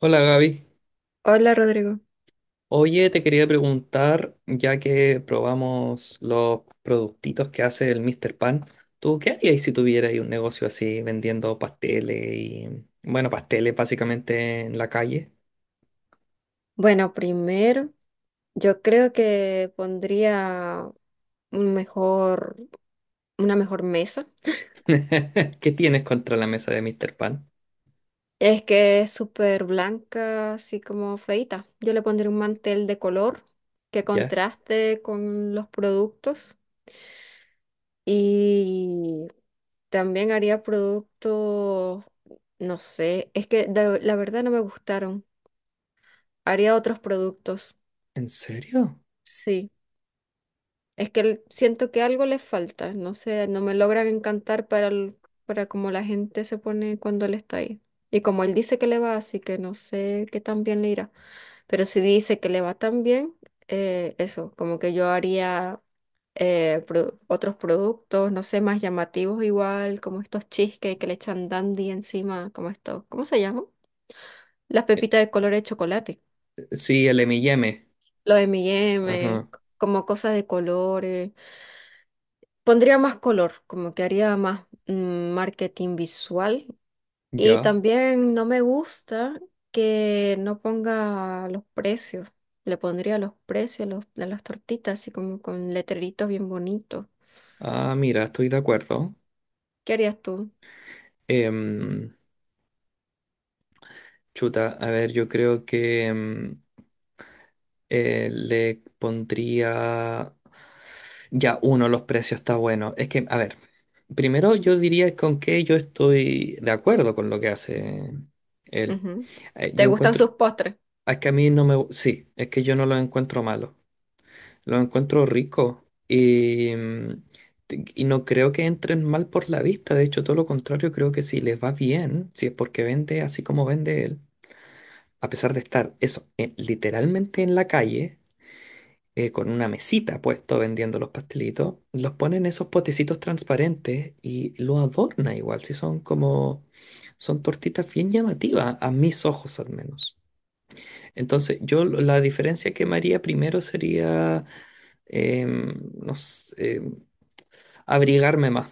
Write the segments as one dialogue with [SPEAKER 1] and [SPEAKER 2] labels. [SPEAKER 1] Hola Gaby.
[SPEAKER 2] Hola Rodrigo.
[SPEAKER 1] Oye, te quería preguntar, ya que probamos los productitos que hace el Mr. Pan, ¿tú qué harías si tuvieras ahí un negocio así vendiendo pasteles y, bueno, pasteles básicamente en la calle?
[SPEAKER 2] Bueno, primero, yo creo que pondría un mejor, una mejor mesa.
[SPEAKER 1] ¿Qué tienes contra la mesa de Mr. Pan?
[SPEAKER 2] Es que es súper blanca, así como feita. Yo le pondría un mantel de color que
[SPEAKER 1] ¿Ya?
[SPEAKER 2] contraste con los productos y también haría productos, no sé, es que la verdad no me gustaron. Haría otros productos,
[SPEAKER 1] ¿En serio?
[SPEAKER 2] sí. Es que siento que algo les falta, no sé, no me logran encantar para, para como la gente se pone cuando él está ahí. Y como él dice que le va, así que no sé qué tan bien le irá. Pero si dice que le va tan bien, eso, como que yo haría otros productos, no sé, más llamativos igual, como estos cheesecake que le echan dandy encima, como estos, ¿cómo se llaman? Las
[SPEAKER 1] Eh,
[SPEAKER 2] pepitas de color de chocolate.
[SPEAKER 1] Sí, el M&M.
[SPEAKER 2] Lo de M&M,
[SPEAKER 1] Ajá,
[SPEAKER 2] como cosas de colores. Pondría más color, como que haría más marketing visual. Y
[SPEAKER 1] ya.
[SPEAKER 2] también no me gusta que no ponga los precios. Le pondría los precios de las tortitas, así como con letreritos bien bonitos.
[SPEAKER 1] Ah, mira, estoy de acuerdo.
[SPEAKER 2] ¿Qué harías tú?
[SPEAKER 1] Em, Chuta, a ver, yo creo que le pondría... Ya, uno, los precios está bueno. Es que, a ver, primero yo diría con que yo estoy de acuerdo con lo que hace él.
[SPEAKER 2] Ujú. ¿Te
[SPEAKER 1] Yo
[SPEAKER 2] gustan
[SPEAKER 1] encuentro,
[SPEAKER 2] sus postres?
[SPEAKER 1] es que a mí no me, sí, es que yo no lo encuentro malo. Lo encuentro rico y, y no creo que entren mal por la vista. De hecho, todo lo contrario, creo que si les va bien, si es porque vende así como vende él, a pesar de estar eso, literalmente en la calle con una mesita puesto vendiendo los pastelitos, los pone en esos potecitos transparentes y lo adorna igual, si son como, son tortitas bien llamativas, a mis ojos al menos. Entonces, la diferencia que me haría primero sería, no sé, abrigarme más.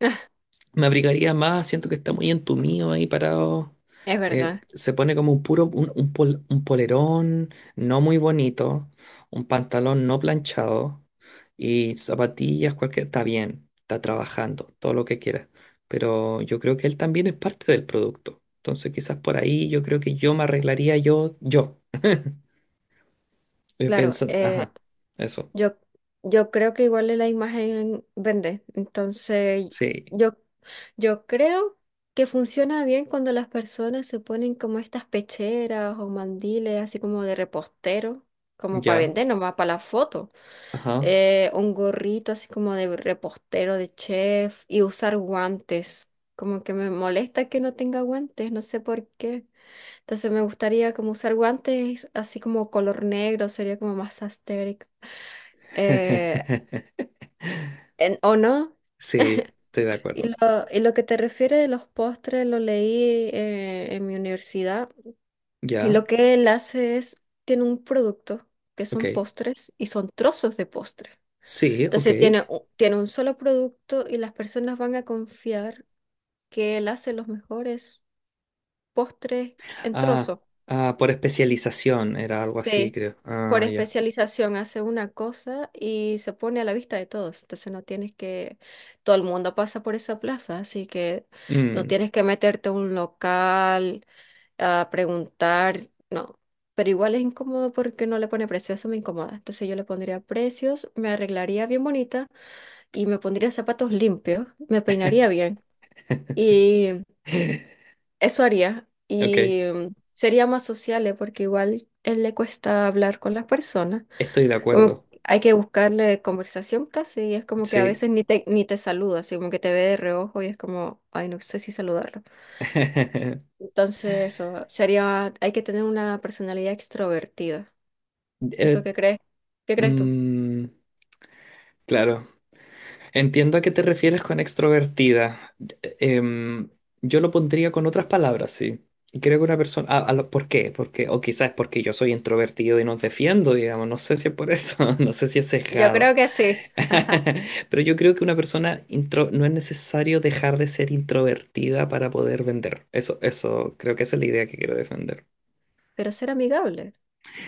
[SPEAKER 1] Me abrigaría más, siento que está muy entumido ahí parado.
[SPEAKER 2] Es verdad.
[SPEAKER 1] Se pone como un puro, un, un polerón no muy bonito, un pantalón no planchado y zapatillas, cualquier, está bien, está trabajando, todo lo que quiera. Pero yo creo que él también es parte del producto. Entonces quizás por ahí yo creo que yo me arreglaría yo,
[SPEAKER 2] Claro,
[SPEAKER 1] pensando, ajá, eso,
[SPEAKER 2] yo, yo creo que igual la imagen vende. Entonces,
[SPEAKER 1] sí,
[SPEAKER 2] yo, yo creo que funciona bien cuando las personas se ponen como estas pecheras o mandiles, así como de repostero, como para
[SPEAKER 1] ya,
[SPEAKER 2] vender, nomás para la foto.
[SPEAKER 1] ajá.
[SPEAKER 2] Un gorrito así como de repostero, de chef, y usar guantes. Como que me molesta que no tenga guantes, no sé por qué. Entonces me gustaría como usar guantes así como color negro, sería como más asteric. Eh, ¿O no?
[SPEAKER 1] Sí, estoy de acuerdo.
[SPEAKER 2] Y lo que te refiere de los postres lo leí en mi universidad. Y
[SPEAKER 1] Ya,
[SPEAKER 2] lo que él hace es, tiene un producto que
[SPEAKER 1] ok.
[SPEAKER 2] son postres y son trozos de postre.
[SPEAKER 1] Sí, ok.
[SPEAKER 2] Entonces tiene, tiene un solo producto y las personas van a confiar que él hace los mejores postres en
[SPEAKER 1] Ah,
[SPEAKER 2] trozos.
[SPEAKER 1] ah, por especialización era algo así,
[SPEAKER 2] Sí,
[SPEAKER 1] creo.
[SPEAKER 2] por
[SPEAKER 1] Ah, ya.
[SPEAKER 2] especialización hace una cosa y se pone a la vista de todos. Entonces no tienes que, todo el mundo pasa por esa plaza, así que no
[SPEAKER 1] Mm.
[SPEAKER 2] tienes que meterte a un local a preguntar, no. Pero igual es incómodo porque no le pone precio, eso me incomoda. Entonces yo le pondría precios, me arreglaría bien bonita y me pondría zapatos limpios, me peinaría bien. Y eso haría.
[SPEAKER 1] Ok,
[SPEAKER 2] Y sería más sociable porque igual él le cuesta hablar con las personas.
[SPEAKER 1] estoy de
[SPEAKER 2] Como
[SPEAKER 1] acuerdo.
[SPEAKER 2] que hay que buscarle conversación casi, y es como que a
[SPEAKER 1] Sí.
[SPEAKER 2] veces ni te saluda, así como que te ve de reojo y es como, ay, no sé si saludarlo. Entonces, eso sería, hay que tener una personalidad extrovertida. ¿Eso
[SPEAKER 1] Eh,
[SPEAKER 2] qué crees? ¿Qué crees tú?
[SPEAKER 1] mm, claro, entiendo a qué te refieres con extrovertida. Eh, Em, yo lo pondría con otras palabras, sí. Y creo que una persona... ah, ¿por qué? Porque, o quizás es porque yo soy introvertido y nos defiendo, digamos. No sé si es por eso, no sé si es
[SPEAKER 2] Yo
[SPEAKER 1] sesgado.
[SPEAKER 2] creo que sí.
[SPEAKER 1] Pero yo creo que una persona intro no es necesario dejar de ser introvertida para poder vender. Eso, creo que esa es la idea que quiero defender.
[SPEAKER 2] Pero ser amigable.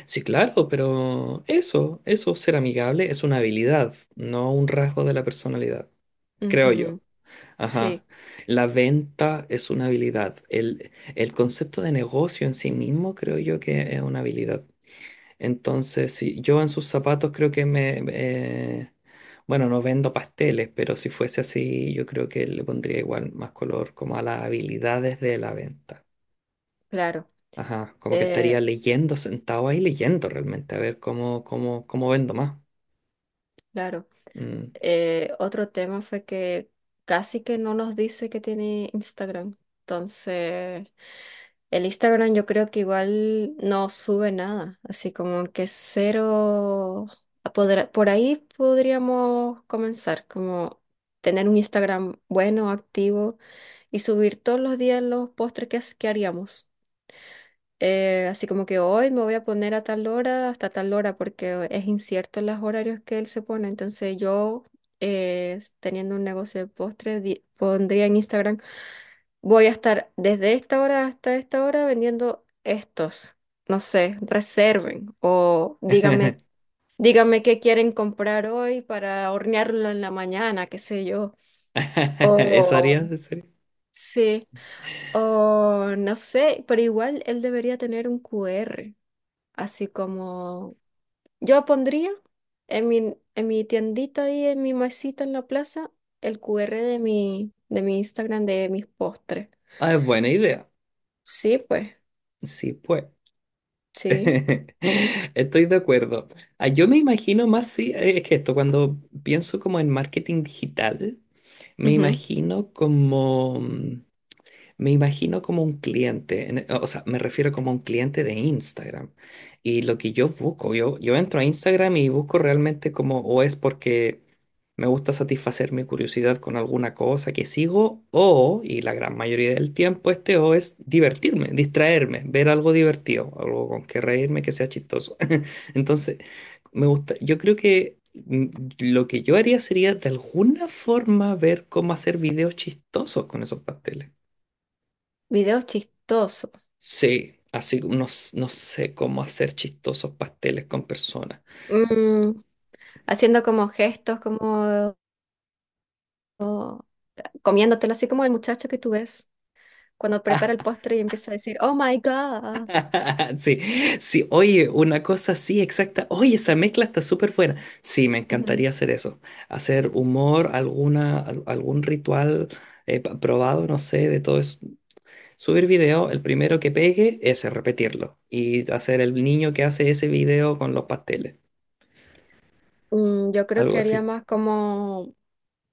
[SPEAKER 1] Sí, claro, pero eso, ser amigable es una habilidad, no un rasgo de la personalidad, creo yo.
[SPEAKER 2] Ujú,
[SPEAKER 1] Ajá.
[SPEAKER 2] sí,
[SPEAKER 1] La venta es una habilidad. El concepto de negocio en sí mismo creo yo que es una habilidad. Entonces, si yo en sus zapatos creo que me... bueno, no vendo pasteles, pero si fuese así, yo creo que le pondría igual más color como a las habilidades de la venta.
[SPEAKER 2] claro.
[SPEAKER 1] Ajá, como que estaría
[SPEAKER 2] Eh,
[SPEAKER 1] leyendo, sentado ahí leyendo realmente, a ver cómo, cómo, cómo vendo más.
[SPEAKER 2] claro.
[SPEAKER 1] Mm.
[SPEAKER 2] Otro tema fue que casi que no nos dice que tiene Instagram. Entonces, el Instagram yo creo que igual no sube nada, así como que cero... Por ahí podríamos comenzar, como tener un Instagram bueno, activo y subir todos los días los postres que haríamos. Así como que hoy me voy a poner a tal hora hasta tal hora porque es incierto los horarios que él se pone. Entonces yo, teniendo un negocio de postres, pondría en Instagram voy a estar desde esta hora hasta esta hora vendiendo estos. No sé, reserven o díganme, díganme qué quieren comprar hoy para hornearlo en la mañana, qué sé yo.
[SPEAKER 1] ¿Eso
[SPEAKER 2] O
[SPEAKER 1] harías, en serio?
[SPEAKER 2] sí, o no sé, pero igual él debería tener un QR, así como yo pondría en mi tiendita ahí, en mi mesita en la plaza, el QR de mi Instagram de mis postres.
[SPEAKER 1] Ah, es buena idea.
[SPEAKER 2] Sí, pues,
[SPEAKER 1] Sí, pues.
[SPEAKER 2] sí.
[SPEAKER 1] Estoy de acuerdo. Ah, yo me imagino más, sí, es que esto, cuando pienso como en marketing digital. Me
[SPEAKER 2] Ujú.
[SPEAKER 1] imagino como me imagino como un cliente, o sea, me refiero como un cliente de Instagram. Y lo que yo busco, yo entro a Instagram y busco realmente como, o es porque me gusta satisfacer mi curiosidad con alguna cosa que sigo, o, y la gran mayoría del tiempo, este o es divertirme, distraerme, ver algo divertido, algo con que reírme que sea chistoso. Entonces, me gusta, yo creo que lo que yo haría sería de alguna forma ver cómo hacer videos chistosos con esos pasteles.
[SPEAKER 2] Videos chistosos.
[SPEAKER 1] Sí, así como no, no sé cómo hacer chistosos pasteles con personas.
[SPEAKER 2] Mm, haciendo como gestos, como o- comiéndotelo, así como el muchacho que tú ves cuando prepara el postre y empieza a decir, "Oh my God".
[SPEAKER 1] Sí, sí, oye, una cosa así exacta. Oye, esa mezcla está súper buena. Sí, me
[SPEAKER 2] Ujú.
[SPEAKER 1] encantaría hacer eso. Hacer humor, alguna, algún ritual probado, no sé, de todo eso. Subir video, el primero que pegue, ese, repetirlo. Y hacer el niño que hace ese video con los pasteles.
[SPEAKER 2] Mm, yo creo
[SPEAKER 1] Algo
[SPEAKER 2] que haría
[SPEAKER 1] así.
[SPEAKER 2] más como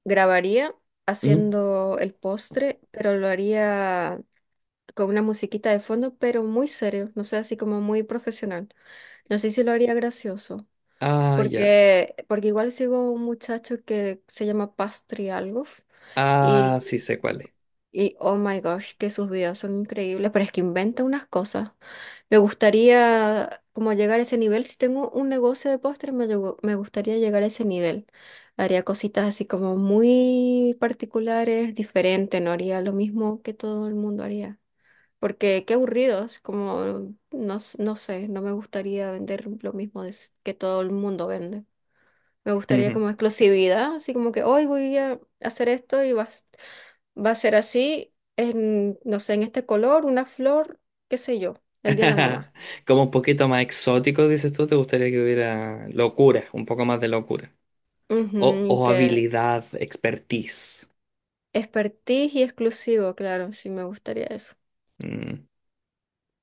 [SPEAKER 2] grabaría
[SPEAKER 1] ¿Mm?
[SPEAKER 2] haciendo el postre, pero lo haría con una musiquita de fondo, pero muy serio, no sé, así como muy profesional. No sé si lo haría gracioso,
[SPEAKER 1] Ah, ya.
[SPEAKER 2] porque, porque igual sigo un muchacho que se llama Pastry algo.
[SPEAKER 1] Ah,
[SPEAKER 2] y
[SPEAKER 1] sí sé cuál es.
[SPEAKER 2] Y oh my gosh, que sus videos son increíbles, pero es que inventa unas cosas. Me gustaría como llegar a ese nivel. Si tengo un negocio de postres, me gustaría llegar a ese nivel. Haría cositas así como muy particulares, diferentes, no haría lo mismo que todo el mundo haría. Porque qué aburridos, como no, no sé, no me gustaría vender lo mismo de que todo el mundo vende. Me gustaría como exclusividad, así como que hoy voy a hacer esto y vas. Va a ser así, en, no sé, en este color, una flor, qué sé yo, el día de la mamá.
[SPEAKER 1] Como un poquito más exótico, dices tú, te gustaría que hubiera locura, un poco más de locura.
[SPEAKER 2] Ujú,
[SPEAKER 1] O,
[SPEAKER 2] y
[SPEAKER 1] o
[SPEAKER 2] que
[SPEAKER 1] habilidad, expertise.
[SPEAKER 2] expertise y exclusivo, claro, sí me gustaría eso.
[SPEAKER 1] Mm.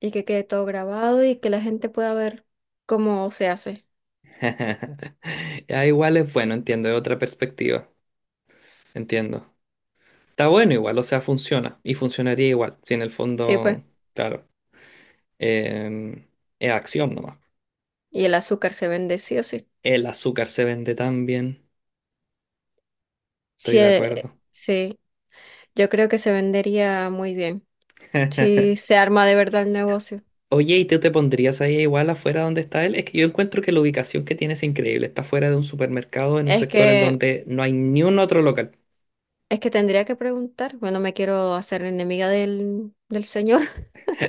[SPEAKER 2] Y que quede todo grabado y que la gente pueda ver cómo se hace.
[SPEAKER 1] Ya, igual es bueno, entiendo, es otra perspectiva, entiendo. Está bueno igual, o sea, funciona y funcionaría igual. Si en el
[SPEAKER 2] Sí, pues.
[SPEAKER 1] fondo, claro, em, es acción nomás.
[SPEAKER 2] Y el azúcar se vende sí o sí.
[SPEAKER 1] El azúcar se vende tan bien,
[SPEAKER 2] Sí,
[SPEAKER 1] estoy de acuerdo.
[SPEAKER 2] sí, yo creo que se vendería muy bien. Si se arma de verdad el negocio.
[SPEAKER 1] Oye, ¿y tú te pondrías ahí igual afuera donde está él? Es que yo encuentro que la ubicación que tiene es increíble. Está fuera de un supermercado en un
[SPEAKER 2] Es
[SPEAKER 1] sector en
[SPEAKER 2] que,
[SPEAKER 1] donde no hay ni un otro local.
[SPEAKER 2] es que tendría que preguntar. Bueno, me quiero hacer enemiga del, del señor.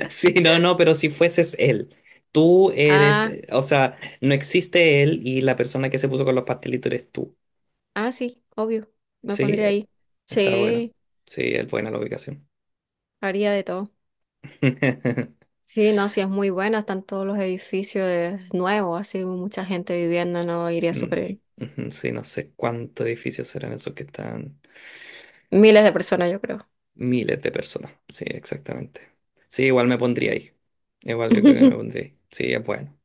[SPEAKER 1] Sí, no, no, pero si fueses él, tú eres,
[SPEAKER 2] Ah,
[SPEAKER 1] o sea, no existe él y la persona que se puso con los pastelitos eres tú.
[SPEAKER 2] Ah, sí, obvio. Me
[SPEAKER 1] Sí,
[SPEAKER 2] pondría ahí.
[SPEAKER 1] está bueno.
[SPEAKER 2] Sí,
[SPEAKER 1] Sí, es buena la ubicación.
[SPEAKER 2] haría de todo. Sí, no, sí es muy buena, están todos los edificios nuevos, así mucha gente viviendo, no iría
[SPEAKER 1] Mm,
[SPEAKER 2] súper bien.
[SPEAKER 1] ujú, sí, no sé cuántos edificios serán esos que están.
[SPEAKER 2] Miles de personas, yo creo.
[SPEAKER 1] Miles de personas. Sí, exactamente. Sí, igual me pondría ahí. Igual yo creo que me pondría ahí. Sí, es bueno.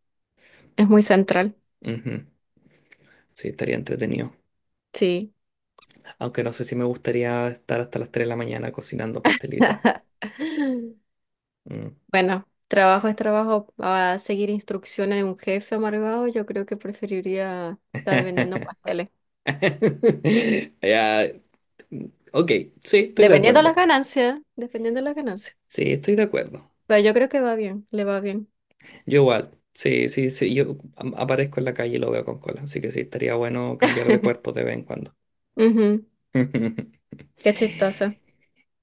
[SPEAKER 2] Es muy central,
[SPEAKER 1] Ujú. Sí, estaría entretenido.
[SPEAKER 2] sí.
[SPEAKER 1] Aunque no sé si me gustaría estar hasta las 3 de la mañana cocinando pastelitos. Mm.
[SPEAKER 2] Bueno, trabajo es trabajo. A seguir instrucciones de un jefe amargado, yo creo que preferiría estar vendiendo pasteles.
[SPEAKER 1] Ya, ok, sí, estoy de
[SPEAKER 2] Dependiendo de las
[SPEAKER 1] acuerdo.
[SPEAKER 2] ganancias, dependiendo de las ganancias.
[SPEAKER 1] Sí, estoy de acuerdo.
[SPEAKER 2] Pero yo creo que va bien, le va bien.
[SPEAKER 1] Yo igual. Sí, sí, sí. Aparezco en la calle y lo veo con cola. Así que sí, estaría bueno cambiar de cuerpo de vez en cuando.
[SPEAKER 2] Ujú, qué chistoso.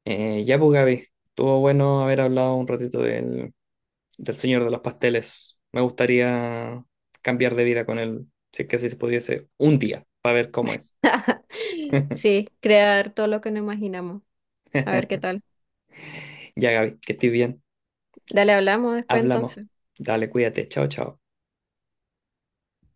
[SPEAKER 1] Ya, pues Gaby, estuvo bueno haber hablado un ratito del, del señor de los pasteles. Me gustaría cambiar de vida con él, si es que así se pudiese, un día, para ver cómo es.
[SPEAKER 2] Sí, crear todo lo que no imaginamos. A ver qué tal.
[SPEAKER 1] Ya, Gaby, que estés bien.
[SPEAKER 2] Dale, hablamos después
[SPEAKER 1] Hablamos.
[SPEAKER 2] entonces.
[SPEAKER 1] Dale, cuídate. Chao, chao.